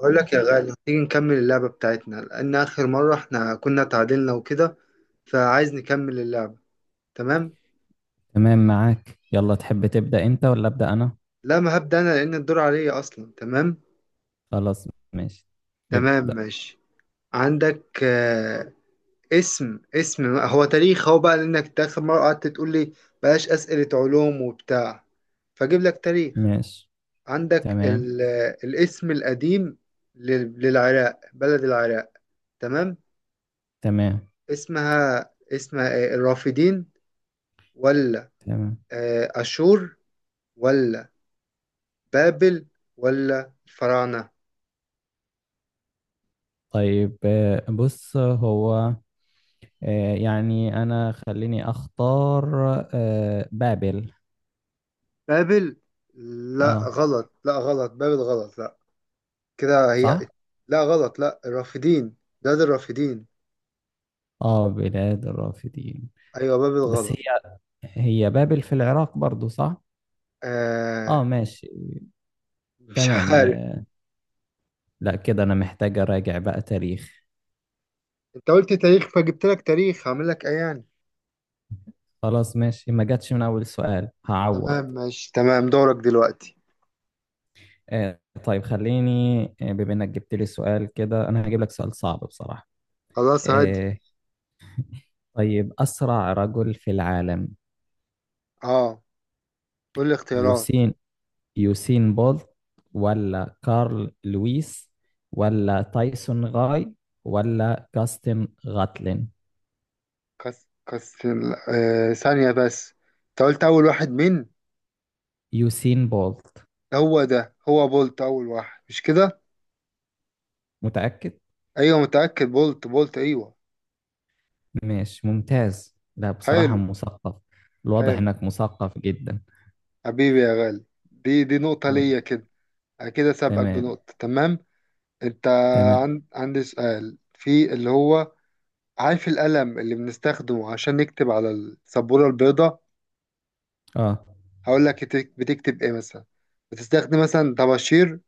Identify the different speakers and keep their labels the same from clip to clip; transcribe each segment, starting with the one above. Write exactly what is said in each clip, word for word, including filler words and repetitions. Speaker 1: أقول لك يا غالي، تيجي نكمل اللعبة بتاعتنا لأن آخر مرة إحنا كنا تعادلنا وكده، فعايز نكمل اللعبة. تمام؟
Speaker 2: تمام معاك. يلا، تحب تبدأ انت ولا أبدأ انا؟
Speaker 1: لا، ما هبدأ أنا لأن الدور عليا أصلا. تمام؟
Speaker 2: خلاص ماشي.
Speaker 1: تمام،
Speaker 2: ابدأ.
Speaker 1: ماشي. عندك آه، اسم اسم هو تاريخ هو بقى، لأنك إنت آخر مرة قعدت تقول لي بلاش أسئلة علوم وبتاع، فأجيب لك تاريخ.
Speaker 2: ماشي.
Speaker 1: عندك
Speaker 2: تمام.
Speaker 1: ال... آه، الاسم القديم لل... للعراق، بلد العراق. تمام؟
Speaker 2: تمام.
Speaker 1: اسمها اسمها إيه؟ الرافدين، ولا
Speaker 2: تمام.
Speaker 1: آه، أشور، ولا بابل، ولا الفراعنة؟
Speaker 2: طيب آه، بص هو، آه، يعني انا خليني اختار. آه، بابل.
Speaker 1: بابل؟ لا
Speaker 2: اه،
Speaker 1: غلط، لا غلط، بابل غلط. لا، كده هي.
Speaker 2: صح.
Speaker 1: لا غلط، لا، الرافدين. ده, ده الرافدين.
Speaker 2: اه، بلاد الرافدين.
Speaker 1: أيوة، بابل
Speaker 2: بس
Speaker 1: غلط.
Speaker 2: هي، هي بابل في العراق برضو، صح؟ اه
Speaker 1: آه،
Speaker 2: ماشي.
Speaker 1: مش
Speaker 2: تمام.
Speaker 1: عارف.
Speaker 2: آه، لا، كده انا محتاج اراجع بقى تاريخ.
Speaker 1: أنت قلت تاريخ فجبت لك تاريخ، هعمل لك إيه يعني؟
Speaker 2: خلاص ماشي، ما جاتش من اول سؤال هعوض.
Speaker 1: تمام ماشي، تمام، دورك دلوقتي.
Speaker 2: آه، طيب خليني، آه، بما انك جبت لي سؤال كده انا هجيب لك سؤال صعب بصراحة.
Speaker 1: خلاص، عادي.
Speaker 2: آه، طيب، اسرع رجل في العالم؟
Speaker 1: أه، قول لي اختيارات.
Speaker 2: يوسين، يوسين بولت، ولا كارل لويس، ولا تايسون غاي، ولا جاستن غاتلين؟
Speaker 1: كس كس، آه، ثانية بس. أنت قلت أول واحد مين؟
Speaker 2: يوسين بولت.
Speaker 1: هو ده، هو بولت أول واحد، مش كده؟
Speaker 2: متأكد.
Speaker 1: ايوه متأكد، بولت، بولت، ايوه.
Speaker 2: ماشي ممتاز. لا بصراحة
Speaker 1: حلو.
Speaker 2: مثقف، الواضح
Speaker 1: حلو،
Speaker 2: انك مثقف جدا.
Speaker 1: حبيبي يا غالي. دي دي نقطة
Speaker 2: تمام.
Speaker 1: ليا كده. انا كده سابقك
Speaker 2: تمام.
Speaker 1: بنقطة. تمام. انت
Speaker 2: تمام.
Speaker 1: عن... عندي سؤال في اللي هو، عارف القلم اللي بنستخدمه عشان نكتب على السبورة البيضاء؟
Speaker 2: اه،
Speaker 1: هقول لك، بتك- بتكتب ايه مثلا؟ بتستخدم مثلا طباشير،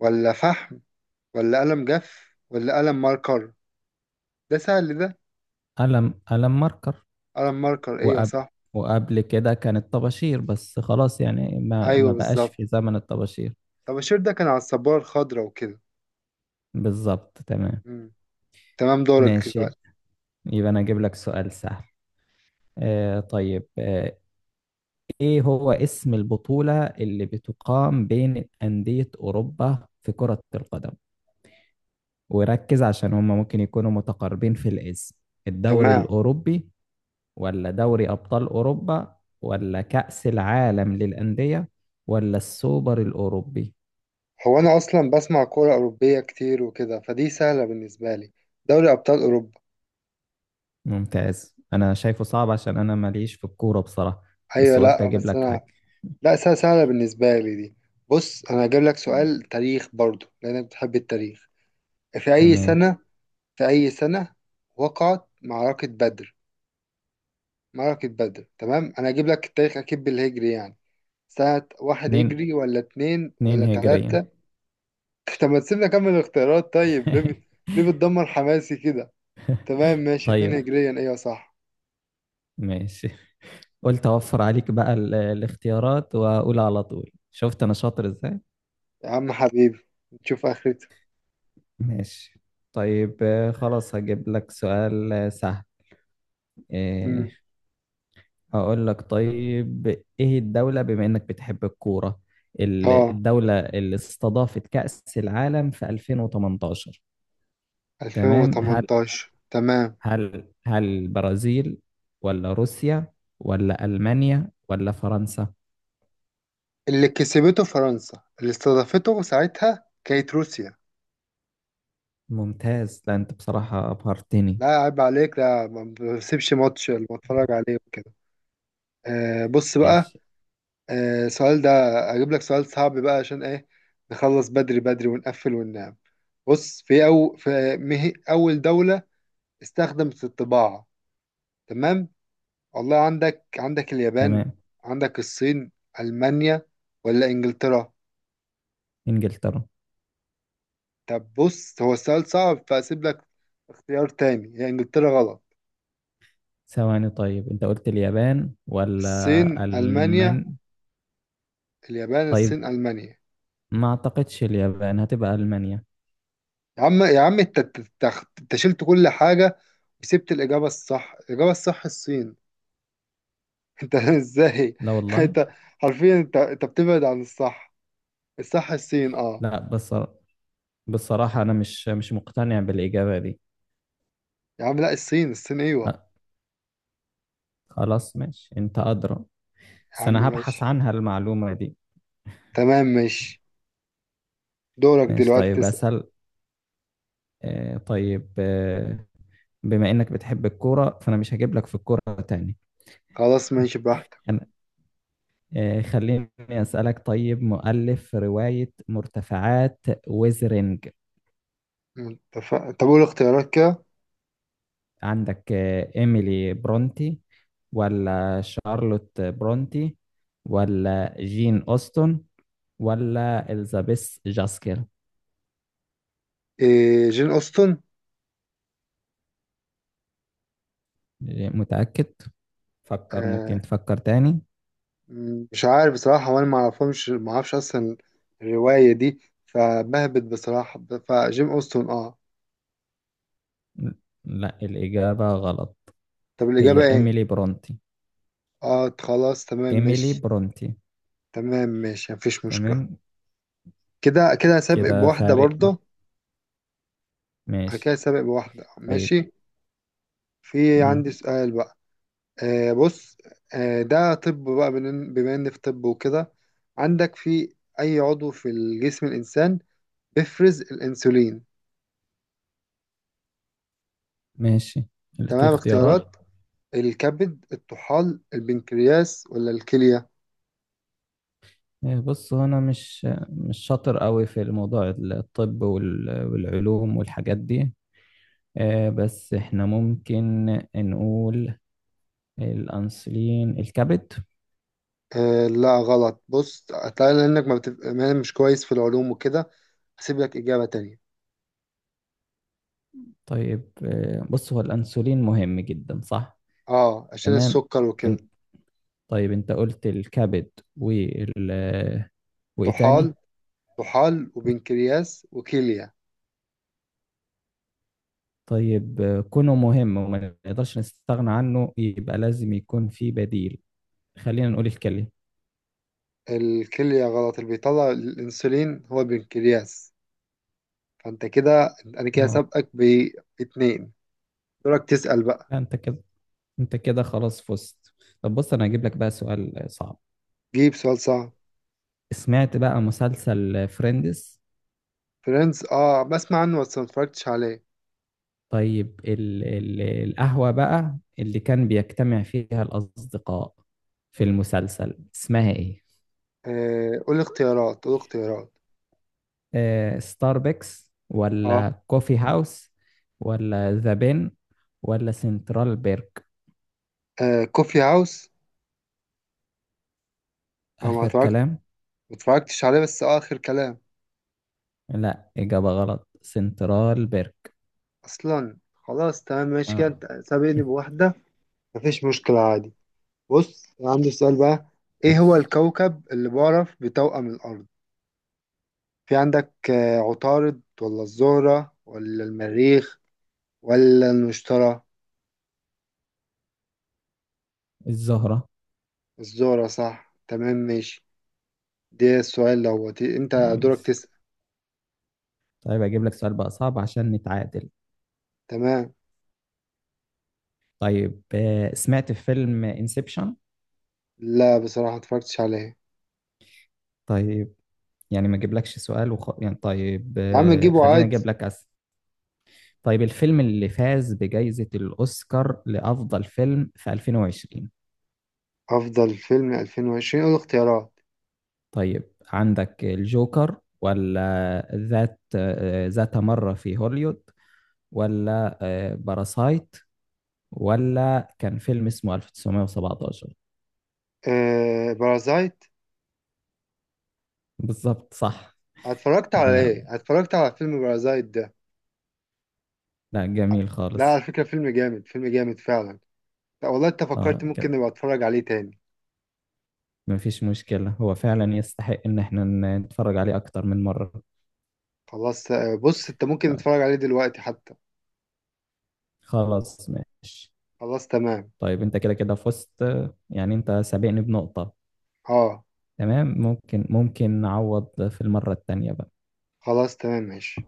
Speaker 1: ولا فحم، ولا قلم جاف، ولا قلم ماركر؟ ده سهل ده.
Speaker 2: ألم ألم ماركر.
Speaker 1: قلم ماركر، ايوه
Speaker 2: وقبل
Speaker 1: صح.
Speaker 2: وقبل كده كانت طباشير، بس خلاص يعني ما
Speaker 1: ايوه،
Speaker 2: ما بقاش
Speaker 1: بالظبط.
Speaker 2: في زمن الطباشير.
Speaker 1: طباشير ده كان على السبورة الخضراء وكده.
Speaker 2: بالظبط تمام.
Speaker 1: مم. تمام، دورك
Speaker 2: ماشي،
Speaker 1: دلوقتي.
Speaker 2: يبقى انا اجيب لك سؤال سهل. آه طيب آه، ايه هو اسم البطولة اللي بتقام بين أندية أوروبا في كرة القدم؟ وركز عشان هما ممكن يكونوا متقاربين في الاسم. الدوري
Speaker 1: تمام.
Speaker 2: الأوروبي، ولا دوري أبطال أوروبا، ولا كأس العالم للأندية، ولا السوبر الأوروبي؟
Speaker 1: هو أنا أصلا بسمع كورة أوروبية كتير وكده، فدي سهلة بالنسبة لي. دوري أبطال أوروبا.
Speaker 2: ممتاز انا شايفه صعب عشان انا ماليش في الكورة بصراحة
Speaker 1: أيوة،
Speaker 2: بس قلت
Speaker 1: لأ
Speaker 2: اجيب
Speaker 1: بس
Speaker 2: لك حاجة
Speaker 1: أنا، لأ سهلة، سهلة بالنسبة لي دي. بص، أنا هجيب لك سؤال تاريخ برضو لأنك بتحب التاريخ. في أي
Speaker 2: تمام
Speaker 1: سنة، في أي سنة وقعت معركة بدر؟ معركة بدر، تمام، أنا هجيب لك التاريخ أكيد بالهجري يعني. سنة واحد
Speaker 2: اتنين
Speaker 1: هجري، ولا اتنين،
Speaker 2: اتنين
Speaker 1: ولا
Speaker 2: هجرية
Speaker 1: تلاتة؟ طب ما تسيبنا أكمل الاختيارات طيب، ليه بت- ليه بتدمر حماسي كده؟ تمام ماشي، اتنين
Speaker 2: طيب
Speaker 1: هجريا، أيوة صح.
Speaker 2: ماشي قلت اوفر عليك بقى ال- الاختيارات واقول على طول شفت انا شاطر ازاي
Speaker 1: يا عم حبيبي، نشوف اخرته.
Speaker 2: ماشي طيب آه، خلاص هجيب لك سؤال آه، سهل
Speaker 1: امم،
Speaker 2: إيه هقول لك طيب ايه الدولة بما انك بتحب الكورة ال-
Speaker 1: اه،
Speaker 2: الدولة اللي استضافت كأس العالم في ألفين وتمنتاشر تمام هل
Speaker 1: ألفين وتمنتاشر تمام.
Speaker 2: هل هل البرازيل ولا روسيا ولا ألمانيا ولا فرنسا
Speaker 1: اللي كسبته فرنسا، اللي استضافته ساعتها كانت روسيا.
Speaker 2: ممتاز. لا انت بصراحة ابهرتني.
Speaker 1: لا عيب عليك، لا، ما بسيبش ماتش اللي بتفرج عليه وكده. آه بص بقى،
Speaker 2: ماشي.
Speaker 1: آه السؤال ده، اجيب لك سؤال صعب بقى عشان ايه نخلص بدري بدري ونقفل وننام. بص، في أو في مه- اول دولة استخدمت الطباعة. تمام. والله عندك، عندك اليابان،
Speaker 2: تمام.
Speaker 1: عندك الصين، ألمانيا، ولا إنجلترا؟
Speaker 2: انجلترا.
Speaker 1: طب بص، هو السؤال صعب فأسيب لك اختيار تاني، هي إنجلترا غلط.
Speaker 2: ثواني، طيب انت قلت اليابان ولا
Speaker 1: الصين،
Speaker 2: المان؟
Speaker 1: ألمانيا، اليابان،
Speaker 2: طيب
Speaker 1: الصين، ألمانيا.
Speaker 2: ما اعتقدش اليابان هتبقى المانيا.
Speaker 1: يا عم، يا عم انت، انت انت- انت شلت كل حاجة وسبت الإجابة الصح، الإجابة الصح الصين. انت ازاي؟
Speaker 2: لا والله.
Speaker 1: انت حرفيا انت انت بتبعد عن الصح. الصح الصين، اه.
Speaker 2: لا بس بصراحة انا مش مش مقتنع بالإجابة دي.
Speaker 1: يا عم لا، الصين، الصين، ايوه.
Speaker 2: أه خلاص ماشي، انت أدرى،
Speaker 1: يا
Speaker 2: بس
Speaker 1: عم
Speaker 2: انا هبحث
Speaker 1: ماشي،
Speaker 2: عنها المعلومة دي.
Speaker 1: تمام ماشي. دورك
Speaker 2: ماشي.
Speaker 1: دلوقتي
Speaker 2: طيب
Speaker 1: تسأل.
Speaker 2: اسأل. آه طيب آه، بما انك بتحب الكوره فانا مش هجيب لك في الكوره تاني.
Speaker 1: خلاص ماشي، براحتك.
Speaker 2: انا آه، خليني اسالك، طيب مؤلف روايه مرتفعات ويزرينج؟
Speaker 1: متفق، طب قول اختيارات كده.
Speaker 2: عندك آه، ايميلي برونتي، ولا شارلوت برونتي، ولا جين اوستن، ولا اليزابيث جاسكيل؟
Speaker 1: إيه، جين أوستن.
Speaker 2: متاكد؟ فكر، ممكن
Speaker 1: آه،
Speaker 2: تفكر تاني.
Speaker 1: م- مش عارف بصراحة، وأنا ما أعرفهمش، ما أعرفش أصلا الرواية دي، فبهبت بصراحة، ب- فجين أوستن، أه.
Speaker 2: لا الاجابه غلط،
Speaker 1: طب الإجابة
Speaker 2: هي
Speaker 1: إيه؟
Speaker 2: ايميلي برونتي.
Speaker 1: أه خلاص، تمام
Speaker 2: ايميلي
Speaker 1: ماشي.
Speaker 2: برونتي.
Speaker 1: تمام ماشي، مفيش مشكلة.
Speaker 2: تمام.
Speaker 1: كده كده سابق
Speaker 2: كده
Speaker 1: بواحدة
Speaker 2: فارق.
Speaker 1: برضه. أنا
Speaker 2: ماشي.
Speaker 1: كده سابق بواحدة،
Speaker 2: طيب.
Speaker 1: ماشي. في
Speaker 2: مم.
Speaker 1: عندي سؤال بقى. آه بص، آه ده، طب بقى بن- بما ان في طب وكده، عندك في اي عضو في الجسم الانسان بيفرز الانسولين؟
Speaker 2: ماشي. في
Speaker 1: تمام،
Speaker 2: اختيارات؟
Speaker 1: اختيارات. الكبد، الطحال، البنكرياس، ولا الكلية؟
Speaker 2: إيه، بص هو انا مش مش شاطر قوي في الموضوع الطب وال- والعلوم والحاجات دي. آه، بس احنا ممكن نقول الانسولين الكبد.
Speaker 1: آه لا غلط. بص، هتلاقي لانك ما بتف... ما مش كويس في العلوم وكده، هسيب لك اجابة تانية.
Speaker 2: طيب آه، بص هو الانسولين مهم جدا، صح؟
Speaker 1: اه، عشان
Speaker 2: تمام.
Speaker 1: السكر وكده.
Speaker 2: انت، طيب انت قلت الكبد وال، وايه تاني؟
Speaker 1: طحال، طحال وبنكرياس وكلية.
Speaker 2: طيب آه، كونه مهم وما نقدرش نستغنى عنه يبقى لازم يكون في بديل. خلينا نقول الكلي.
Speaker 1: الكلية غلط، اللي بيطلع الانسولين هو البنكرياس. فانت كده، انا كده
Speaker 2: اه.
Speaker 1: سابقك باتنين. دورك تسأل بقى.
Speaker 2: لا انت كده، انت كده خلاص فزت. طب بص انا هجيب لك بقى سؤال صعب.
Speaker 1: جيب سؤال صعب.
Speaker 2: سمعت بقى مسلسل فريندز؟
Speaker 1: فريندز، اه بسمع عنه بس ما اتفرجتش عليه.
Speaker 2: طيب ال ال القهوة بقى اللي كان بيجتمع فيها الأصدقاء في المسلسل اسمها ايه؟
Speaker 1: آه قول اختيارات، قول اختيارات.
Speaker 2: آه، ستاربكس،
Speaker 1: اه،
Speaker 2: ولا كوفي هاوس، ولا ذا بين، ولا سنترال بيرك؟
Speaker 1: آه كوفي هاوس. انا ما
Speaker 2: آخر
Speaker 1: اتفرجت،
Speaker 2: كلام.
Speaker 1: ما اتفرجتش عليه، بس آه اخر كلام.
Speaker 2: لا إجابة غلط، سنترال بيرك.
Speaker 1: اصلا خلاص، تمام ماشي، كده
Speaker 2: اه.
Speaker 1: انت سابقني بواحدة. مفيش مشكلة، عادي. بص، أنا عندي سؤال بقى. ايه هو
Speaker 2: ماشي.
Speaker 1: الكوكب اللي بعرف بتوأم الارض؟ في عندك آه، عطارد، ولا الزهرة، ولا المريخ، ولا المشتري؟
Speaker 2: الزهرة.
Speaker 1: الذرة صح، تمام ماشي. ده السؤال دوت، انت دورك
Speaker 2: ماشي.
Speaker 1: تسأل.
Speaker 2: طيب اجيب لك سؤال بقى صعب عشان نتعادل.
Speaker 1: تمام.
Speaker 2: طيب آه، سمعت فيلم انسبشن؟
Speaker 1: لا بصراحة، متفرجتش عليه.
Speaker 2: طيب يعني ما اجيبلكش سؤال وخ... يعني طيب
Speaker 1: يا عم،
Speaker 2: آه،
Speaker 1: جيبه
Speaker 2: خلينا اجيب
Speaker 1: عادي.
Speaker 2: لك أسئلة. طيب الفيلم اللي فاز بجائزة الأوسكار لأفضل فيلم في ألفين وعشرين؟
Speaker 1: أفضل فيلم ألفين وعشرين، قول اختيارات.
Speaker 2: طيب عندك الجوكر، ولا ذات آه، ذات مرة في هوليوود، ولا آه، باراسايت، ولا كان فيلم اسمه تسعتاشر سبعتاشر؟
Speaker 1: آه بارازايت.
Speaker 2: بالظبط صح.
Speaker 1: اتفرجت
Speaker 2: لا
Speaker 1: على
Speaker 2: لا،
Speaker 1: ايه؟ اتفرجت على فيلم بارازايت ده؟
Speaker 2: لا جميل
Speaker 1: لا
Speaker 2: خالص.
Speaker 1: على فكرة، فيلم جامد، فيلم جامد فعلا. لا والله، انت فكرت،
Speaker 2: اه
Speaker 1: ممكن
Speaker 2: كده،
Speaker 1: نبقى اتفرج عليه تاني.
Speaker 2: مفيش مشكلة، هو فعلا يستحق ان احنا ن- نتفرج عليه اكتر من مرة.
Speaker 1: خلاص آه، بص، انت ممكن
Speaker 2: طيب،
Speaker 1: تتفرج عليه دلوقتي حتى.
Speaker 2: خلاص ماشي.
Speaker 1: خلاص تمام.
Speaker 2: طيب انت كده كده فزت، يعني انت سابقني بنقطة.
Speaker 1: اه
Speaker 2: تمام، ممكن ممكن نعوض في المرة التانية بقى.
Speaker 1: خلاص، تمام ماشي.